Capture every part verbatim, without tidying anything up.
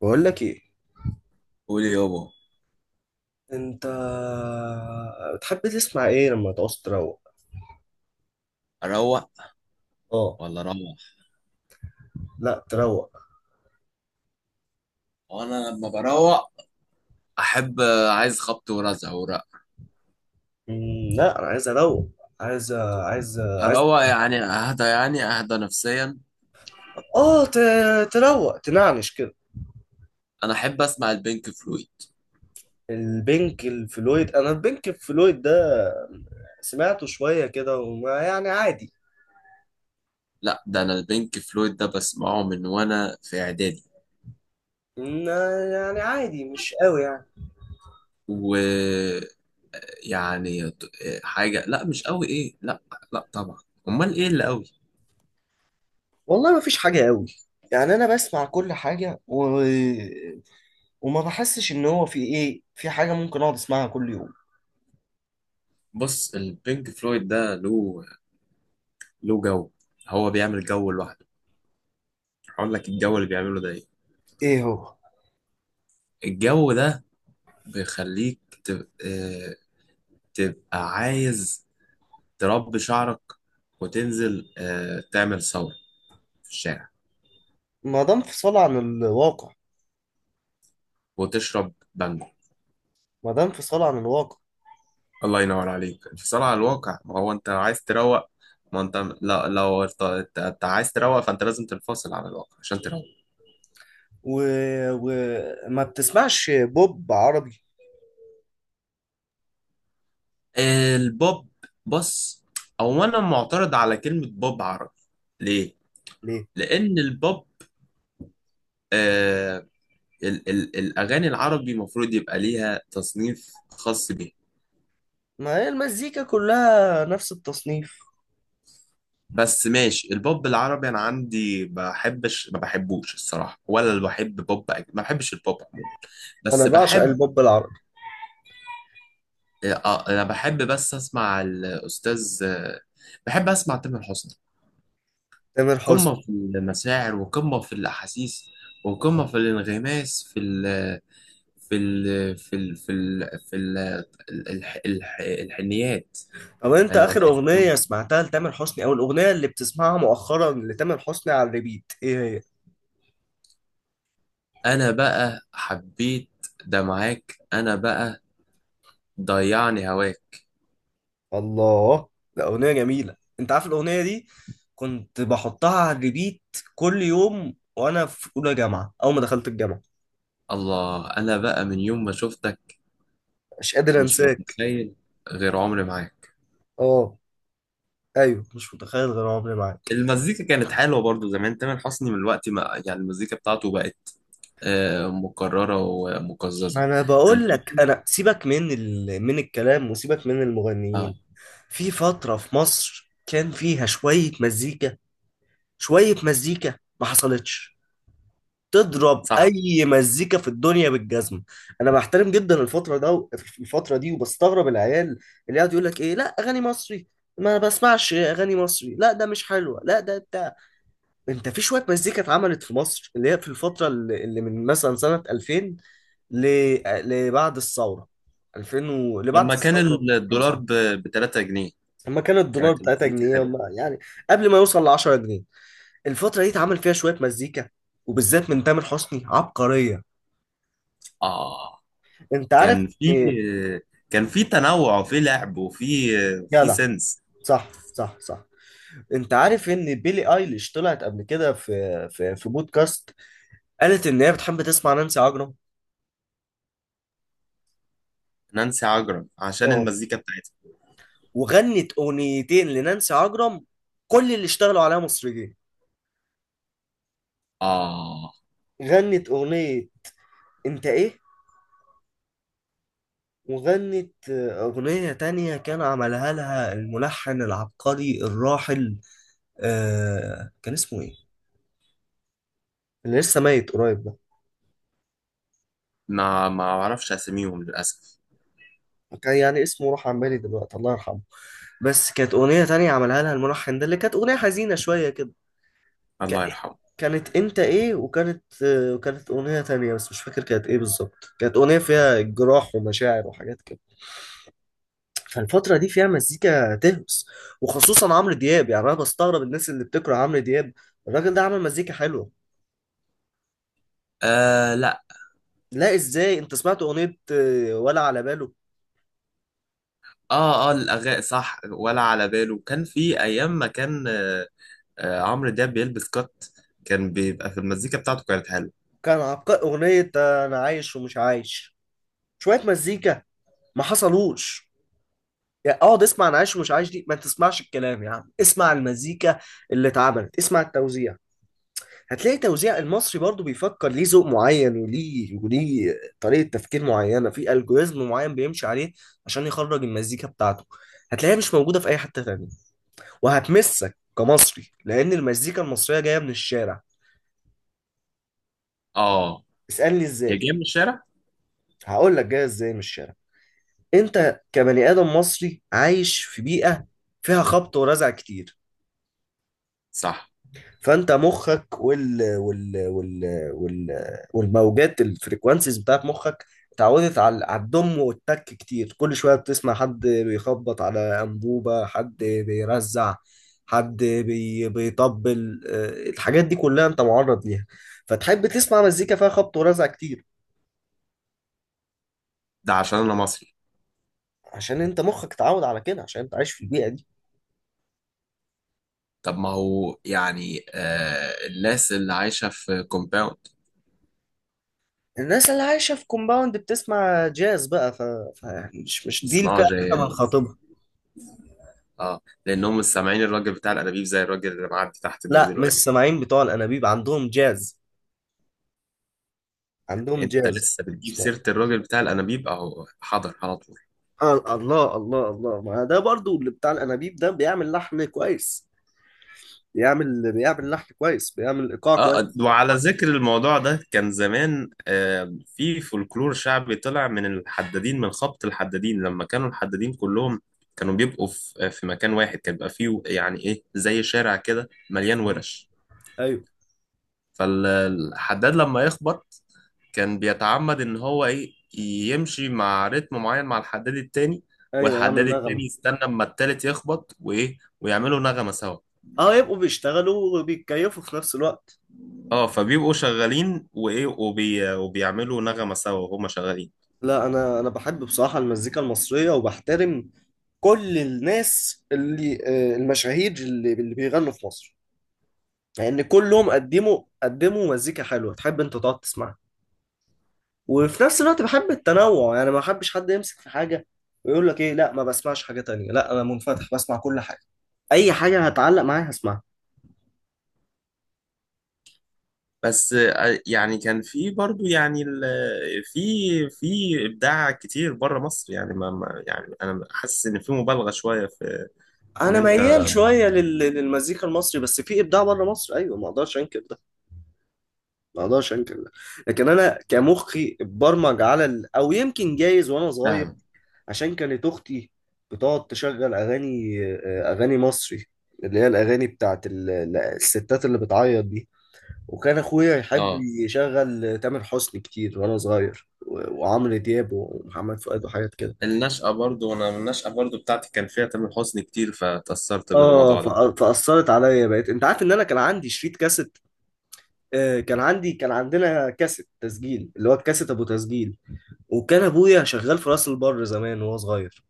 بقول لك ايه؟ قولي يابا. انت بتحب تسمع ايه لما تعوز تروق؟ اروق اه، ولا اروح؟ لا تروق. وانا لما بروق احب، عايز خبط ورزع ورق. مم، لا، انا عايز اروق. عايز عايز عايز. اروق يعني اهدى، يعني اهدى نفسيا. اه، ت- تروق تنعنش كده. انا احب اسمع البينك فلويد. البنك الفلويد، انا البنك الفلويد ده سمعته شوية كده وما يعني عادي. لا، ده انا البينك فلويد ده بسمعه من وانا في اعدادي. إن- يعني عادي، مش قوي يعني. ويعني حاجه، لا مش قوي ايه، لا، لا طبعا. امال ايه اللي قوي؟ والله ما فيش حاجة قوي. يعني أنا بسمع كل حاجة و... وما بحسش إن هو في إيه، في حاجة ممكن أقعد أسمعها كل يوم. بص، البينك فلويد ده له له جو، هو بيعمل جو لوحده. هقول لك الجو اللي بيعمله ده ايه. إيه هو؟ الجو ده بيخليك تبقى عايز تربي شعرك وتنزل آه، تعمل ثورة في الشارع ما ده انفصال عن الواقع. وتشرب بانجو. ما ده انفصال عن الواقع. الله ينور عليك، انفصال على الواقع. ما هو انت عايز تروق، ما انت، لا لو ارت- انت أنت عايز تروق فانت لازم تنفصل عن الواقع عشان تروق. وما و... وما بتسمعش بوب عربي؟ البوب، بص، او انا معترض على كلمة بوب عربي. ليه؟ ليه؟ لان البوب، آه، ال ال الاغاني العربي المفروض يبقى ليها تصنيف خاص بيها. ما هي المزيكا كلها نفس التصنيف. بس ماشي، البوب العربي انا عندي بحبش، ما بحبوش الصراحه، ولا اللي بحب بوب أج- ما بحبش البوب عموما، انا بس بعشق بحب البوب العربي. آه، آه، انا بحب بس اسمع الاستاذ، آه، بحب اسمع تامر حسني. تامر حسني. قمه في المشاعر وقمه في الاحاسيس وقمه في الانغماس في ال في ال في ال في ال في ال الح- الح- الحنيات. طب انت انا اخر هتحس إنهم- اغنية سمعتها لتامر حسني او الاغنية اللي بتسمعها مؤخرا لتامر حسني على الريبيت ايه هي؟ انا بقى حبيت ده، معاك انا بقى، ضيعني هواك. الله. ده اغنية جميلة، انت عارف الاغنية دي؟ كنت بحطها على الريبيت كل يوم وانا في اولى جامعة اول ما دخلت الجامعة. الله، انا بقى من يوم ما شفتك مش قادر مش انساك. متخيل غير عمري معاك. اه، ايوه، مش متخيل غير عمري معاك. المزيكا كانت حلوه برضو زمان تامر حسني، من الوقت ما يعني المزيكا بتاعته بقت آه، مكرره ومقززه. ما انا كان، بقول لك، انا سيبك من ال... من الكلام وسيبك من اه، المغنيين. في فتره في مصر كان فيها شويه مزيكا. شويه مزيكا ما حصلتش. تضرب صح، اي مزيكا في الدنيا بالجزمه. انا بحترم جدا الفتره ده و- الفتره دي، وبستغرب العيال اللي قاعد يقول لك ايه، لا اغاني مصري ما بسمعش اغاني مصري، لا ده مش حلوه، لا ده بتاع. انت في شويه مزيكا اتعملت في مصر، اللي هي في الفتره اللي اللي من مثلا سنه ألفين ل... لبعد الثورة. ألفين و... لبعد لما كان الثورة بكام الدولار سنة. ب ثلاثة جنيه لما كان الدولار كانت بتاعتها المزيكا جنيه حلوه. وما- يعني قبل ما يوصل ل عشرة جنيه. الفترة دي اتعمل فيها شوية مزيكا، وبالذات من تامر حسني، عبقرية. اه، انت عارف كان في ان... كان في تنوع وفي لعب وفي في جدع. سنس. صح، صح، صح. انت عارف ان بيلي ايليش طلعت قبل كده في في في بودكاست. قالت ان هي بتحب تسمع نانسي عجرم. نانسي عجرم عشان اه. المزيكا بتاعتها. وغنت اغنيتين لنانسي عجرم، كل اللي اشتغلوا عليها مصريين. اه، غنت اغنية انت ايه، وغنت أغنية تانية كان عملها لها الملحن العبقري الراحل. آه كان اسمه إيه؟ اللي لسه ميت قريب ده. ما ما اعرفش اساميهم للاسف. كان يعني اسمه راح عن بالي دلوقتي، الله يرحمه. بس كانت أغنية تانية عملها لها الملحن ده، اللي كانت أغنية حزينة شوية كده. ك- الله يرحمه. كانت أنت إيه، وكانت آه، وكانت أغنية تانية بس مش فاكر كانت إيه بالظبط، كانت أغنية فيها جراح ومشاعر وحاجات كده. فالفترة دي فيها مزيكا تهمس، وخصوصا عمرو دياب. يعني انا بستغرب الناس اللي بتكره عمرو دياب. الراجل ده عمل مزيكا حلوة. آه لا. لا، ازاي انت سمعت اغنية آه، ولا على باله. اه اه، الاغاني صح، ولا على باله كان في ايام، ما كان آه، آه، عمرو دياب بيلبس كات. كان بيبقى في المزيكا بتاعته كانت حلوه. كان عبقري اغنية آه، انا عايش ومش عايش. شوية مزيكا ما حصلوش. يعني اقعد اسمع انا عايش ومش عايش دي، ما تسمعش الكلام يا عم، اسمع المزيكا اللي اتعملت، اسمع التوزيع. هتلاقي توزيع المصري برضو بيفكر ليه ذوق معين وليه وليه، طريقة تفكير معينة في الجوريزم معين بيمشي عليه عشان يخرج المزيكا بتاعته. هتلاقيها مش موجودة في أي حتة تانية. وهتمسك كمصري لأن المزيكا المصرية جاية من الشارع. اه، اسألني هي إزاي. جايه من الشارع، هقول لك جاية إزاي من الشارع. أنت كبني آدم مصري عايش في بيئة فيها خبط ورزع كتير، صح، فانت مخك وال وال وال وال والموجات الفريكوانسيز بتاعت مخك اتعودت على على الضم والتك كتير. كل شويه بتسمع حد بيخبط على انبوبه، حد بيرزع، حد بي بيطبل. آه، الحاجات دي كلها انت معرض ليها، فتحب تسمع مزيكا فيها خبط ورزع كتير. ده عشان انا مصري. عشان انت مخك اتعود على كده، عشان انت عايش في البيئه دي. طب ما هو يعني آه الناس اللي عايشه في كومباوند الناس اللي عايشه في كومباوند بتسمع جاز بقى. ف... ف... مش مش دي الفئه بيسمعوا اللي احنا جاز. بنخاطبها. اه، لانهم مش سامعين الراجل بتاع الانابيب زي الراجل اللي معدي تحت ده لا، مش دلوقتي. السماعين بتوع الانابيب، عندهم جاز، عندهم انت جاز. لسه بتجيب اسمع. سيره الراجل بتاع الانابيب، اهو حاضر على طول. آه الله الله الله. ما ده برضو اللي بتاع الانابيب ده بيعمل لحن كويس. بيعمل بيعمل لحن كويس، بيعمل ايقاع اه، كويس. وعلى ذكر الموضوع ده كان زمان آه في فولكلور شعبي طلع من الحدادين، من خبط الحدادين لما كانوا الحدادين كلهم كانوا بيبقوا في آه، في مكان واحد كان بيبقى فيه يعني ايه زي شارع كده مليان آه. ورش. ايوه، فالحداد لما يخبط كان بيتعمد ان هو ايه، يمشي مع رتم معين مع الحداد التاني، ايوه، يعمل والحداد التاني نغمه. يستنى اما التالت يخبط وايه، ويعملوا نغمة سوا. اه، يبقوا بيشتغلوا وبيتكيفوا في نفس الوقت. اه، فبيبقوا شغالين وايه، وبي... وبيعملوا نغمة سوا وهما شغالين. لا، انا انا بحب بصراحه المزيكا المصريه، وبحترم كل الناس اللي آه، المشاهير اللي, اللي بيغنوا في مصر، لان يعني كلهم قدموا قدموا مزيكا حلوه تحب انت تقعد تسمعها. وفي نفس الوقت بحب التنوع، يعني ما بحبش حد يمسك في حاجة ويقول لك ايه، لا ما بسمعش حاجة تانية. لا، انا منفتح بسمع كل حاجة. اي حاجة هتعلق معايا هسمعها. بس آه، يعني كان في برضو يعني ال- في في ابداع كتير بره مصر، يعني ما ما- يعني انا حاسس ان في مبالغه شويه في ان انا انت، ميال شوية لل- للمزيكا المصري، بس في ابداع بره مصر ايوه، ما اقدرش انكر ده. ما اقدرش انكر ده. لكن انا كمخي اتبرمج على ال... او يمكن جايز وانا صغير، فاهم. عشان كانت اختي بتقعد تشغل اغاني آه، اغاني مصري، اللي هي الاغاني بتاعت ال- الستات اللي بتعيط دي. وكان اخويا يحب اه، يشغل تامر حسني كتير وانا صغير، و- وعمرو دياب ومحمد فؤاد وحاجات كده. النشأة برضو انا النشأة برضو بتاعتي كان فيها تامر حسني كتير فتأثرت اه، بالموضوع ده. فأ- فاثرت عليا. بقيت انت عارف ان انا كان عندي شريط كاسيت. آه، كان عندي كان عندنا كاسيت تسجيل اللي هو الكاسيت ابو تسجيل. وكان ابويا شغال في راس البر زمان وهو صغير،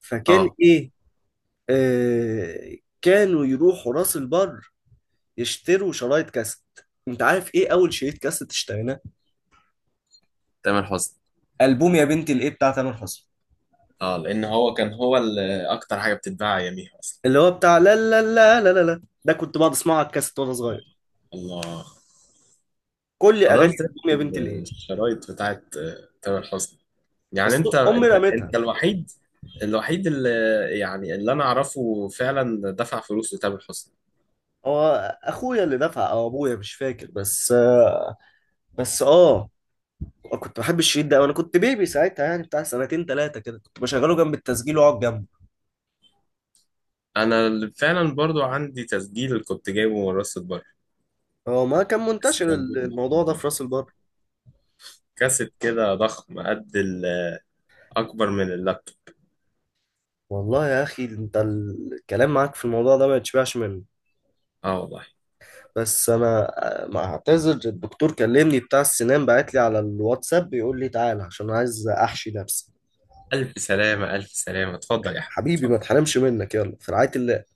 فكان اه، ايه، آه كانوا يروحوا راس البر يشتروا شرايط كاسيت. انت عارف ايه اول شريط كاسيت اشتريناه؟ تامر حسني. البوم يا بنتي الايه بتاع تامر حسني، اه لان هو كان هو ال- اكتر حاجه بتتباع اياميها اصلا. اللي هو بتاع لا لا لا لا لا لا ده. كنت بقعد اسمعه على الكاسيت وانا صغير. الله، كل اغاني حضرت الألبوم يا بنتي ليه. الشرايط بتاعت آه، تامر حسني. يعني بس انت امي انت انت رمتها. الوحيد، الوحيد اللي يعني اللي انا اعرفه فعلا دفع فلوس لتامر حسني. هو اخويا اللي دفع او ابويا، مش فاكر. بس، بس اه، كنت بحب الشريط ده وانا كنت بيبي ساعتها، يعني بتاع سنتين ثلاثه كده، كنت بشغله جنب التسجيل واقعد جنبه. انا اللي فعلا برضو عندي تسجيل كنت جايبه من راس البر، هو ما كان بس منتشر ال- موجود لحد الموضوع ده في راس دلوقتي. البر. كاسيت كده ضخم قد ال- اكبر من اللابتوب. والله يا اخي انت الكلام معاك في الموضوع ده ما يتشبعش منه. اه والله. بس انا، ما اعتذر، الدكتور كلمني بتاع السنان بعت لي على الواتساب بيقول لي تعالى عشان عايز احشي نفسي. الف سلامه، الف سلامه، اتفضل يا حبيبي، حبيبي ما اتفضل. تحرمش منك، يلا في رعاية الله.